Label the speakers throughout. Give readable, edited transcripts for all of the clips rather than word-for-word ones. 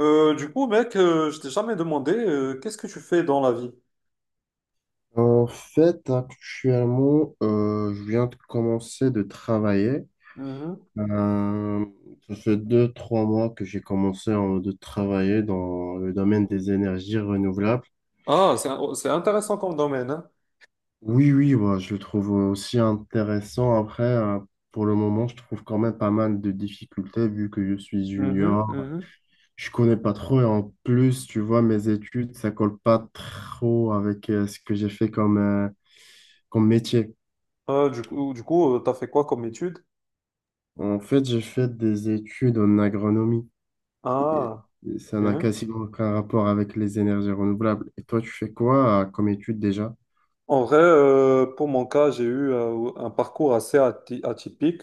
Speaker 1: Mec, je t'ai jamais demandé qu'est-ce que tu fais dans la vie?
Speaker 2: En fait, actuellement, je viens de commencer de travailler.
Speaker 1: Mhm.
Speaker 2: Euh, Ça fait deux, trois mois que j'ai commencé de travailler dans le domaine des énergies renouvelables.
Speaker 1: Ah, c'est intéressant comme domaine, hein.
Speaker 2: Oui, oui, moi, je le trouve aussi intéressant. Après, pour le moment, je trouve quand même pas mal de difficultés vu que je suis
Speaker 1: Mhm,
Speaker 2: junior.
Speaker 1: mhm.
Speaker 2: Je connais pas trop et en plus, tu vois, mes études, ça colle pas trop avec ce que j'ai fait comme, comme métier.
Speaker 1: T'as fait quoi comme étude?
Speaker 2: En fait, j'ai fait des études en agronomie. Et
Speaker 1: Ah.
Speaker 2: et ça n'a quasiment aucun rapport avec les énergies renouvelables. Et toi, tu fais quoi comme étude déjà?
Speaker 1: En vrai, pour mon cas, j'ai eu un parcours atypique.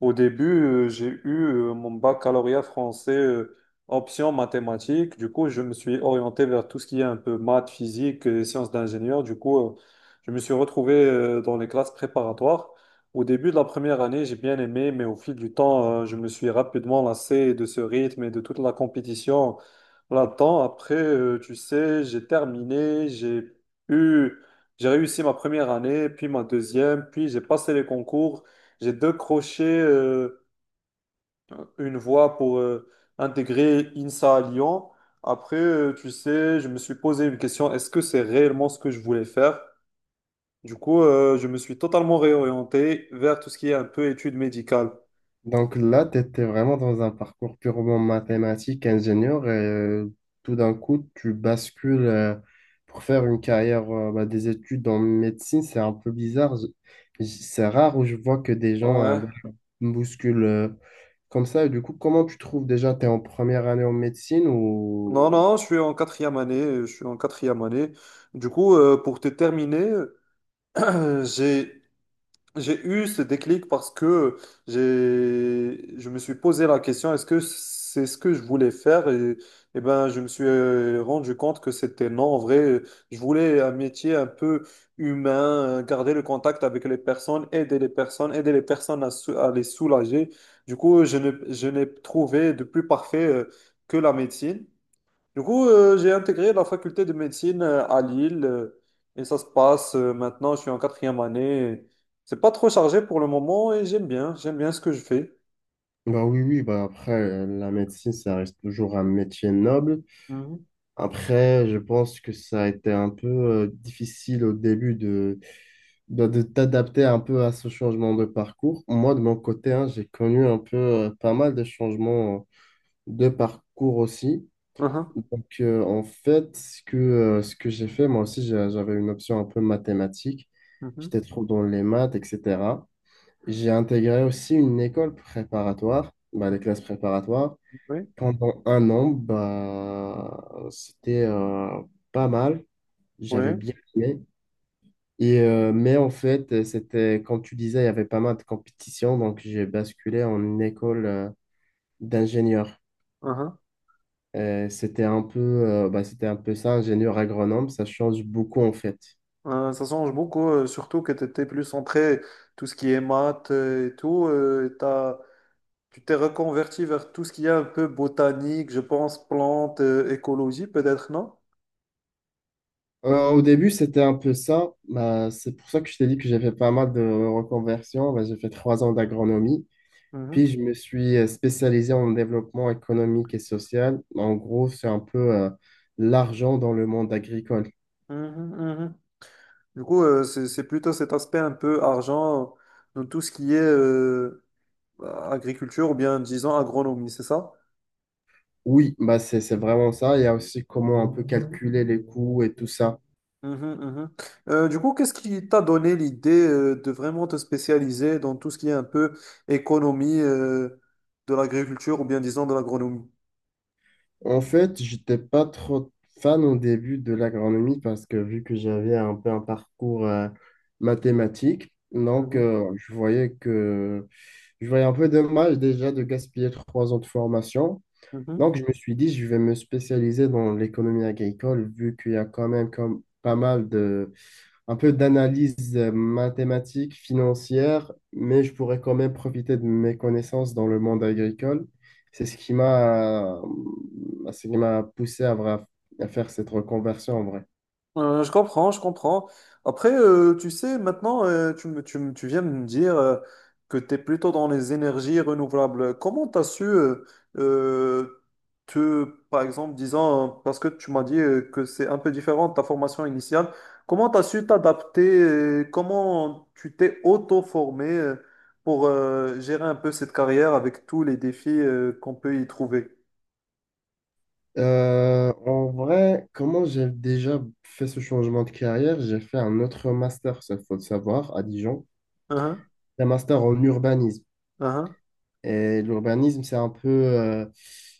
Speaker 1: Au début, j'ai eu mon baccalauréat français option mathématiques. Du coup, je me suis orienté vers tout ce qui est un peu maths, physique, et sciences d'ingénieur. Du coup, je me suis retrouvé dans les classes préparatoires. Au début de la première année, j'ai bien aimé, mais au fil du temps, je me suis rapidement lassé de ce rythme et de toute la compétition là-dedans. Après, tu sais, j'ai terminé, j'ai eu j'ai réussi ma première année, puis ma deuxième, puis j'ai passé les concours. J'ai décroché une voie pour intégrer INSA à Lyon. Après, tu sais, je me suis posé une question, est-ce que c'est réellement ce que je voulais faire? Du coup, je me suis totalement réorienté vers tout ce qui est un peu études médicales.
Speaker 2: Donc là, tu étais vraiment dans un parcours purement mathématique, ingénieur, et tout d'un coup, tu bascules pour faire une carrière, bah, des études en médecine. C'est un peu bizarre. C'est rare où je vois que des gens,
Speaker 1: Ouais.
Speaker 2: bah, bousculent comme ça. Et du coup, comment tu trouves déjà? Tu es en première année en médecine
Speaker 1: Non,
Speaker 2: ou...
Speaker 1: non, je suis en quatrième année. Je suis en quatrième année. Du coup, pour te terminer, j'ai j'ai eu ce déclic parce que je me suis posé la question, est-ce que c'est ce que je voulais faire? Et ben, je me suis rendu compte que c'était non. En vrai, je voulais un métier un peu humain, garder le contact avec les personnes, aider les personnes, aider les personnes à les soulager. Du coup, je n'ai trouvé de plus parfait que la médecine. Du coup, j'ai intégré la faculté de médecine à Lille et ça se passe maintenant, je suis en quatrième année. C'est pas trop chargé pour le moment et j'aime bien ce que je fais.
Speaker 2: Bah oui, oui, bah après, la médecine, ça reste toujours un métier noble.
Speaker 1: Mhm,
Speaker 2: Après, je pense que ça a été un peu difficile au début de t'adapter un peu à ce changement de parcours. Moi, de mon côté, hein, j'ai connu un peu, pas mal de changements de parcours aussi.
Speaker 1: mhm,
Speaker 2: Donc, en fait, ce que j'ai fait, moi aussi, j'avais une option un peu mathématique.
Speaker 1: mhm,
Speaker 2: J'étais trop dans les maths, etc. J'ai intégré aussi une école préparatoire, bah, des
Speaker 1: mhm.
Speaker 2: classes préparatoires.
Speaker 1: Oui,
Speaker 2: Pendant un an, bah, c'était pas mal. J'avais
Speaker 1: oui.
Speaker 2: bien aimé. Mais en fait, c'était, comme tu disais, il y avait pas mal de compétitions. Donc, j'ai basculé en une école d'ingénieur.
Speaker 1: Mhm.
Speaker 2: C'était un peu, bah, c'était un peu ça, ingénieur agronome. Ça change beaucoup, en fait.
Speaker 1: Ça change beaucoup, surtout que tu étais plus centré tout ce qui est maths et tout. Tu t'es reconverti vers tout ce qui est un peu botanique, je pense, plantes, écologie peut-être, non?
Speaker 2: Au début, c'était un peu ça. Bah, c'est pour ça que je t'ai dit que j'ai fait pas mal de reconversions. Bah, j'ai fait trois ans d'agronomie. Puis
Speaker 1: Mhm,
Speaker 2: je me suis spécialisé en développement économique et social. En gros, c'est un peu l'argent dans le monde agricole.
Speaker 1: mhm, mhm. Du coup, c'est plutôt cet aspect un peu argent dans tout ce qui est agriculture ou bien disons agronomie, c'est ça?
Speaker 2: Oui, bah c'est vraiment ça. Il y a aussi comment un peu calculer les coûts et tout ça.
Speaker 1: Mhm, mhm. Qu'est-ce qui t'a donné l'idée de vraiment te spécialiser dans tout ce qui est un peu économie de l'agriculture ou bien disons de l'agronomie?
Speaker 2: En fait, j'étais pas trop fan au début de l'agronomie parce que vu que j'avais un peu un parcours mathématique, donc
Speaker 1: Mhm,
Speaker 2: je voyais un peu dommage déjà de gaspiller trois ans de formation.
Speaker 1: mhm.
Speaker 2: Donc, je me suis dit, je vais me spécialiser dans l'économie agricole, vu qu'il y a quand même comme pas mal de, un peu d'analyse mathématique, financière, mais je pourrais quand même profiter de mes connaissances dans le monde agricole. C'est ce qui m'a poussé à, à faire cette reconversion en vrai.
Speaker 1: Je comprends, je comprends. Après, tu sais, maintenant, tu viens de me dire que tu es plutôt dans les énergies renouvelables. Comment tu as su, euh, te, par exemple, disant, parce que tu m'as dit que c'est un peu différent de ta formation initiale, comment tu as su t'adapter, comment tu t'es auto-formé pour gérer un peu cette carrière avec tous les défis qu'on peut y trouver?
Speaker 2: En vrai, comment j'ai déjà fait ce changement de carrière? J'ai fait un autre master, ça faut le savoir, à Dijon,
Speaker 1: Uhum,
Speaker 2: un master en urbanisme.
Speaker 1: uhum,
Speaker 2: Et l'urbanisme,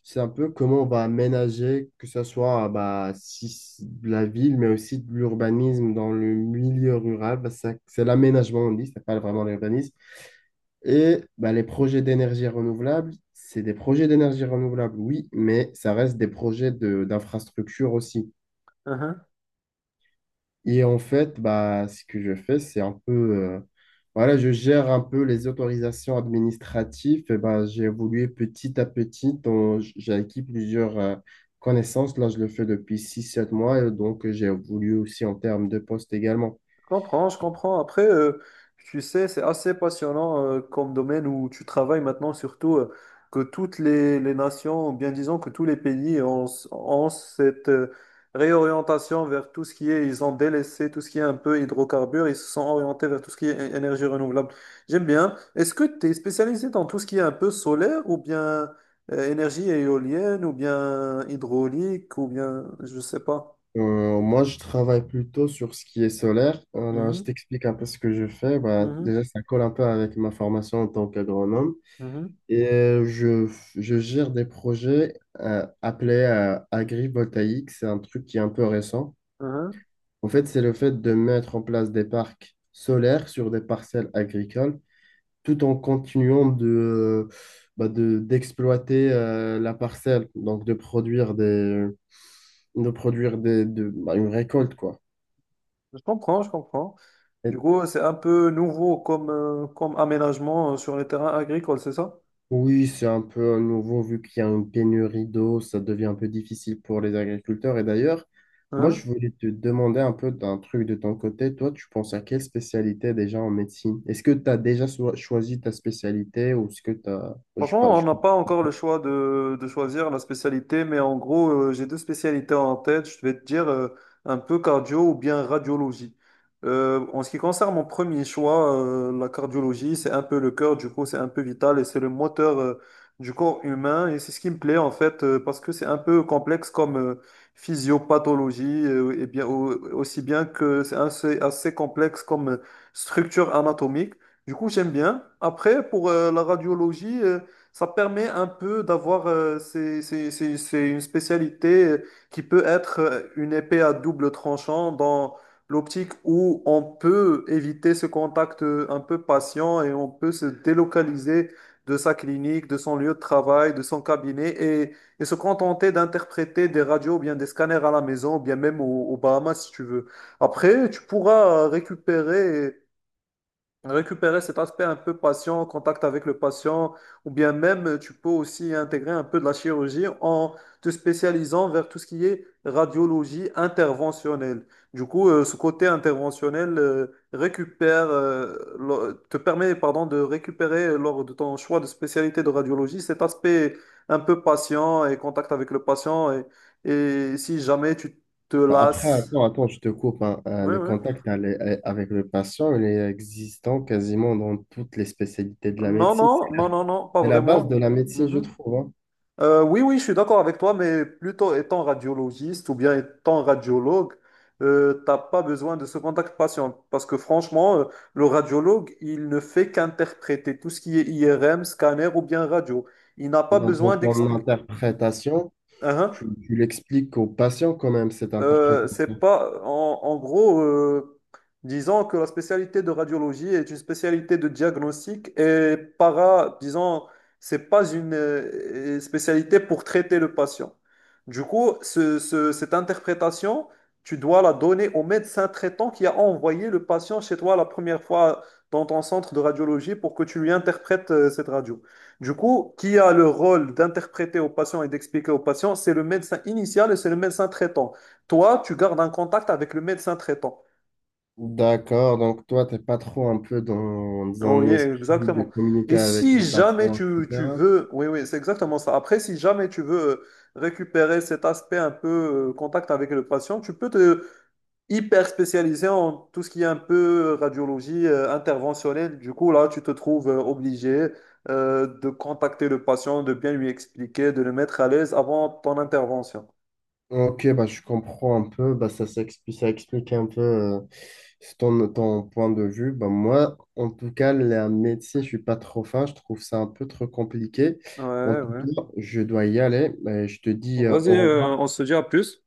Speaker 2: c'est un peu comment on va aménager, que ce soit bah, si, de la ville, mais aussi de l'urbanisme dans le milieu rural. Bah, c'est l'aménagement, on dit, c'est pas vraiment l'urbanisme. Et bah, les projets d'énergie renouvelable, c'est des projets d'énergie renouvelable, oui, mais ça reste des projets de, d'infrastructure aussi.
Speaker 1: uhum.
Speaker 2: Et en fait, bah, ce que je fais, c'est un peu, voilà, je gère un peu les autorisations administratives. Et bah, j'ai évolué petit à petit. Donc, j'ai acquis plusieurs connaissances. Là, je le fais depuis six sept mois. Et donc, j'ai évolué aussi en termes de poste également.
Speaker 1: Je comprends, je comprends. Après, tu sais, c'est assez passionnant comme domaine où tu travailles maintenant, surtout que toutes les nations, ou bien disons que tous les pays ont, ont cette réorientation vers tout ce qui est, ils ont délaissé tout ce qui est un peu hydrocarbures, ils se sont orientés vers tout ce qui est énergie renouvelable. J'aime bien. Est-ce que tu es spécialisé dans tout ce qui est un peu solaire ou bien énergie éolienne ou bien hydraulique ou bien, je sais pas.
Speaker 2: Moi, je travaille plutôt sur ce qui est solaire. Je
Speaker 1: Mhm,
Speaker 2: t'explique un peu ce que je fais. Bah,
Speaker 1: mhm,
Speaker 2: déjà, ça colle un peu avec ma formation en tant qu'agronome.
Speaker 1: mhm,
Speaker 2: Et je gère des projets appelés agrivoltaïques. C'est un truc qui est un peu récent.
Speaker 1: mhm.
Speaker 2: En fait, c'est le fait de mettre en place des parcs solaires sur des parcelles agricoles, tout en continuant de, bah, d'exploiter la parcelle, donc de produire des, bah, une récolte, quoi.
Speaker 1: Je comprends, je comprends. Du coup, c'est un peu nouveau comme, comme aménagement sur les terrains agricoles, c'est ça?
Speaker 2: Oui, c'est un peu à nouveau, vu qu'il y a une pénurie d'eau, ça devient un peu difficile pour les agriculteurs. Et d'ailleurs, moi, je
Speaker 1: Hein.
Speaker 2: voulais te demander un peu d'un truc de ton côté. Toi, tu penses à quelle spécialité déjà en médecine? Est-ce que tu as déjà choisi ta spécialité ou est-ce que tu as... Je sais pas,
Speaker 1: Franchement, on
Speaker 2: je-...
Speaker 1: n'a pas encore le choix de choisir la spécialité, mais en gros, j'ai deux spécialités en tête. Je vais te dire un peu cardio ou bien radiologie. En ce qui concerne mon premier choix, la cardiologie, c'est un peu le cœur, du coup, c'est un peu vital et c'est le moteur du corps humain. Et c'est ce qui me plaît en fait, parce que c'est un peu complexe comme physiopathologie, et aussi bien que c'est assez, assez complexe comme structure anatomique. Du coup, j'aime bien. Après, pour la radiologie, ça permet un peu d'avoir, c'est une spécialité qui peut être une épée à double tranchant dans l'optique où on peut éviter ce contact un peu patient et on peut se délocaliser de sa clinique, de son lieu de travail, de son cabinet et se contenter d'interpréter des radios ou bien des scanners à la maison ou bien même aux Bahamas si tu veux. Après, tu pourras récupérer récupérer cet aspect un peu patient, contact avec le patient, ou bien même tu peux aussi intégrer un peu de la chirurgie en te spécialisant vers tout ce qui est radiologie interventionnelle. Du coup, ce côté interventionnel te permet, pardon, de récupérer lors de ton choix de spécialité de radiologie cet aspect un peu patient et contact avec le patient et si jamais tu te
Speaker 2: Après,
Speaker 1: lasses.
Speaker 2: attends, attends, je te coupe, hein.
Speaker 1: Oui,
Speaker 2: Le
Speaker 1: oui.
Speaker 2: contact avec le patient, il est existant quasiment dans toutes les spécialités de la
Speaker 1: Non,
Speaker 2: médecine.
Speaker 1: non, non, non, non, pas
Speaker 2: C'est la base de
Speaker 1: vraiment.
Speaker 2: la médecine, je
Speaker 1: Mhm.
Speaker 2: trouve, hein.
Speaker 1: Oui, oui, je suis d'accord avec toi, mais plutôt étant radiologiste ou bien étant radiologue, t'as pas besoin de ce contact patient parce que franchement, le radiologue, il ne fait qu'interpréter tout ce qui est IRM, scanner ou bien radio. Il n'a pas
Speaker 2: Dans
Speaker 1: besoin
Speaker 2: ton
Speaker 1: d'expliquer.
Speaker 2: interprétation. Tu l'expliques aux patients quand même, cette interprétation.
Speaker 1: C'est pas, en, en gros, disons que la spécialité de radiologie est une spécialité de diagnostic et para, disons, c'est pas une spécialité pour traiter le patient. Du coup, cette interprétation, tu dois la donner au médecin traitant qui a envoyé le patient chez toi la première fois dans ton centre de radiologie pour que tu lui interprètes cette radio. Du coup, qui a le rôle d'interpréter au patient et d'expliquer au patient? C'est le médecin initial et c'est le médecin traitant toi, tu gardes un contact avec le médecin traitant.
Speaker 2: D'accord, donc toi, t'es pas trop un peu dans un
Speaker 1: Oui,
Speaker 2: esprit de
Speaker 1: exactement.
Speaker 2: communiquer
Speaker 1: Et
Speaker 2: avec
Speaker 1: si
Speaker 2: les
Speaker 1: jamais
Speaker 2: patients,
Speaker 1: tu
Speaker 2: etc.
Speaker 1: veux, oui, oui, c'est exactement ça. Après, si jamais tu veux récupérer cet aspect un peu contact avec le patient, tu peux te hyper spécialiser en tout ce qui est un peu radiologie interventionnelle. Du coup, là, tu te trouves obligé de contacter le patient, de bien lui expliquer, de le mettre à l'aise avant ton intervention.
Speaker 2: Ok, bah, je comprends un peu, bah, ça s'explique, ça explique un peu ton point de vue. Bah, moi, en tout cas, la médecine, je suis pas trop fin, je trouve ça un peu trop compliqué. En
Speaker 1: Ouais,
Speaker 2: tout
Speaker 1: ouais.
Speaker 2: cas, je dois y aller. Je te dis
Speaker 1: Vas-y,
Speaker 2: au revoir.
Speaker 1: on se dit à plus.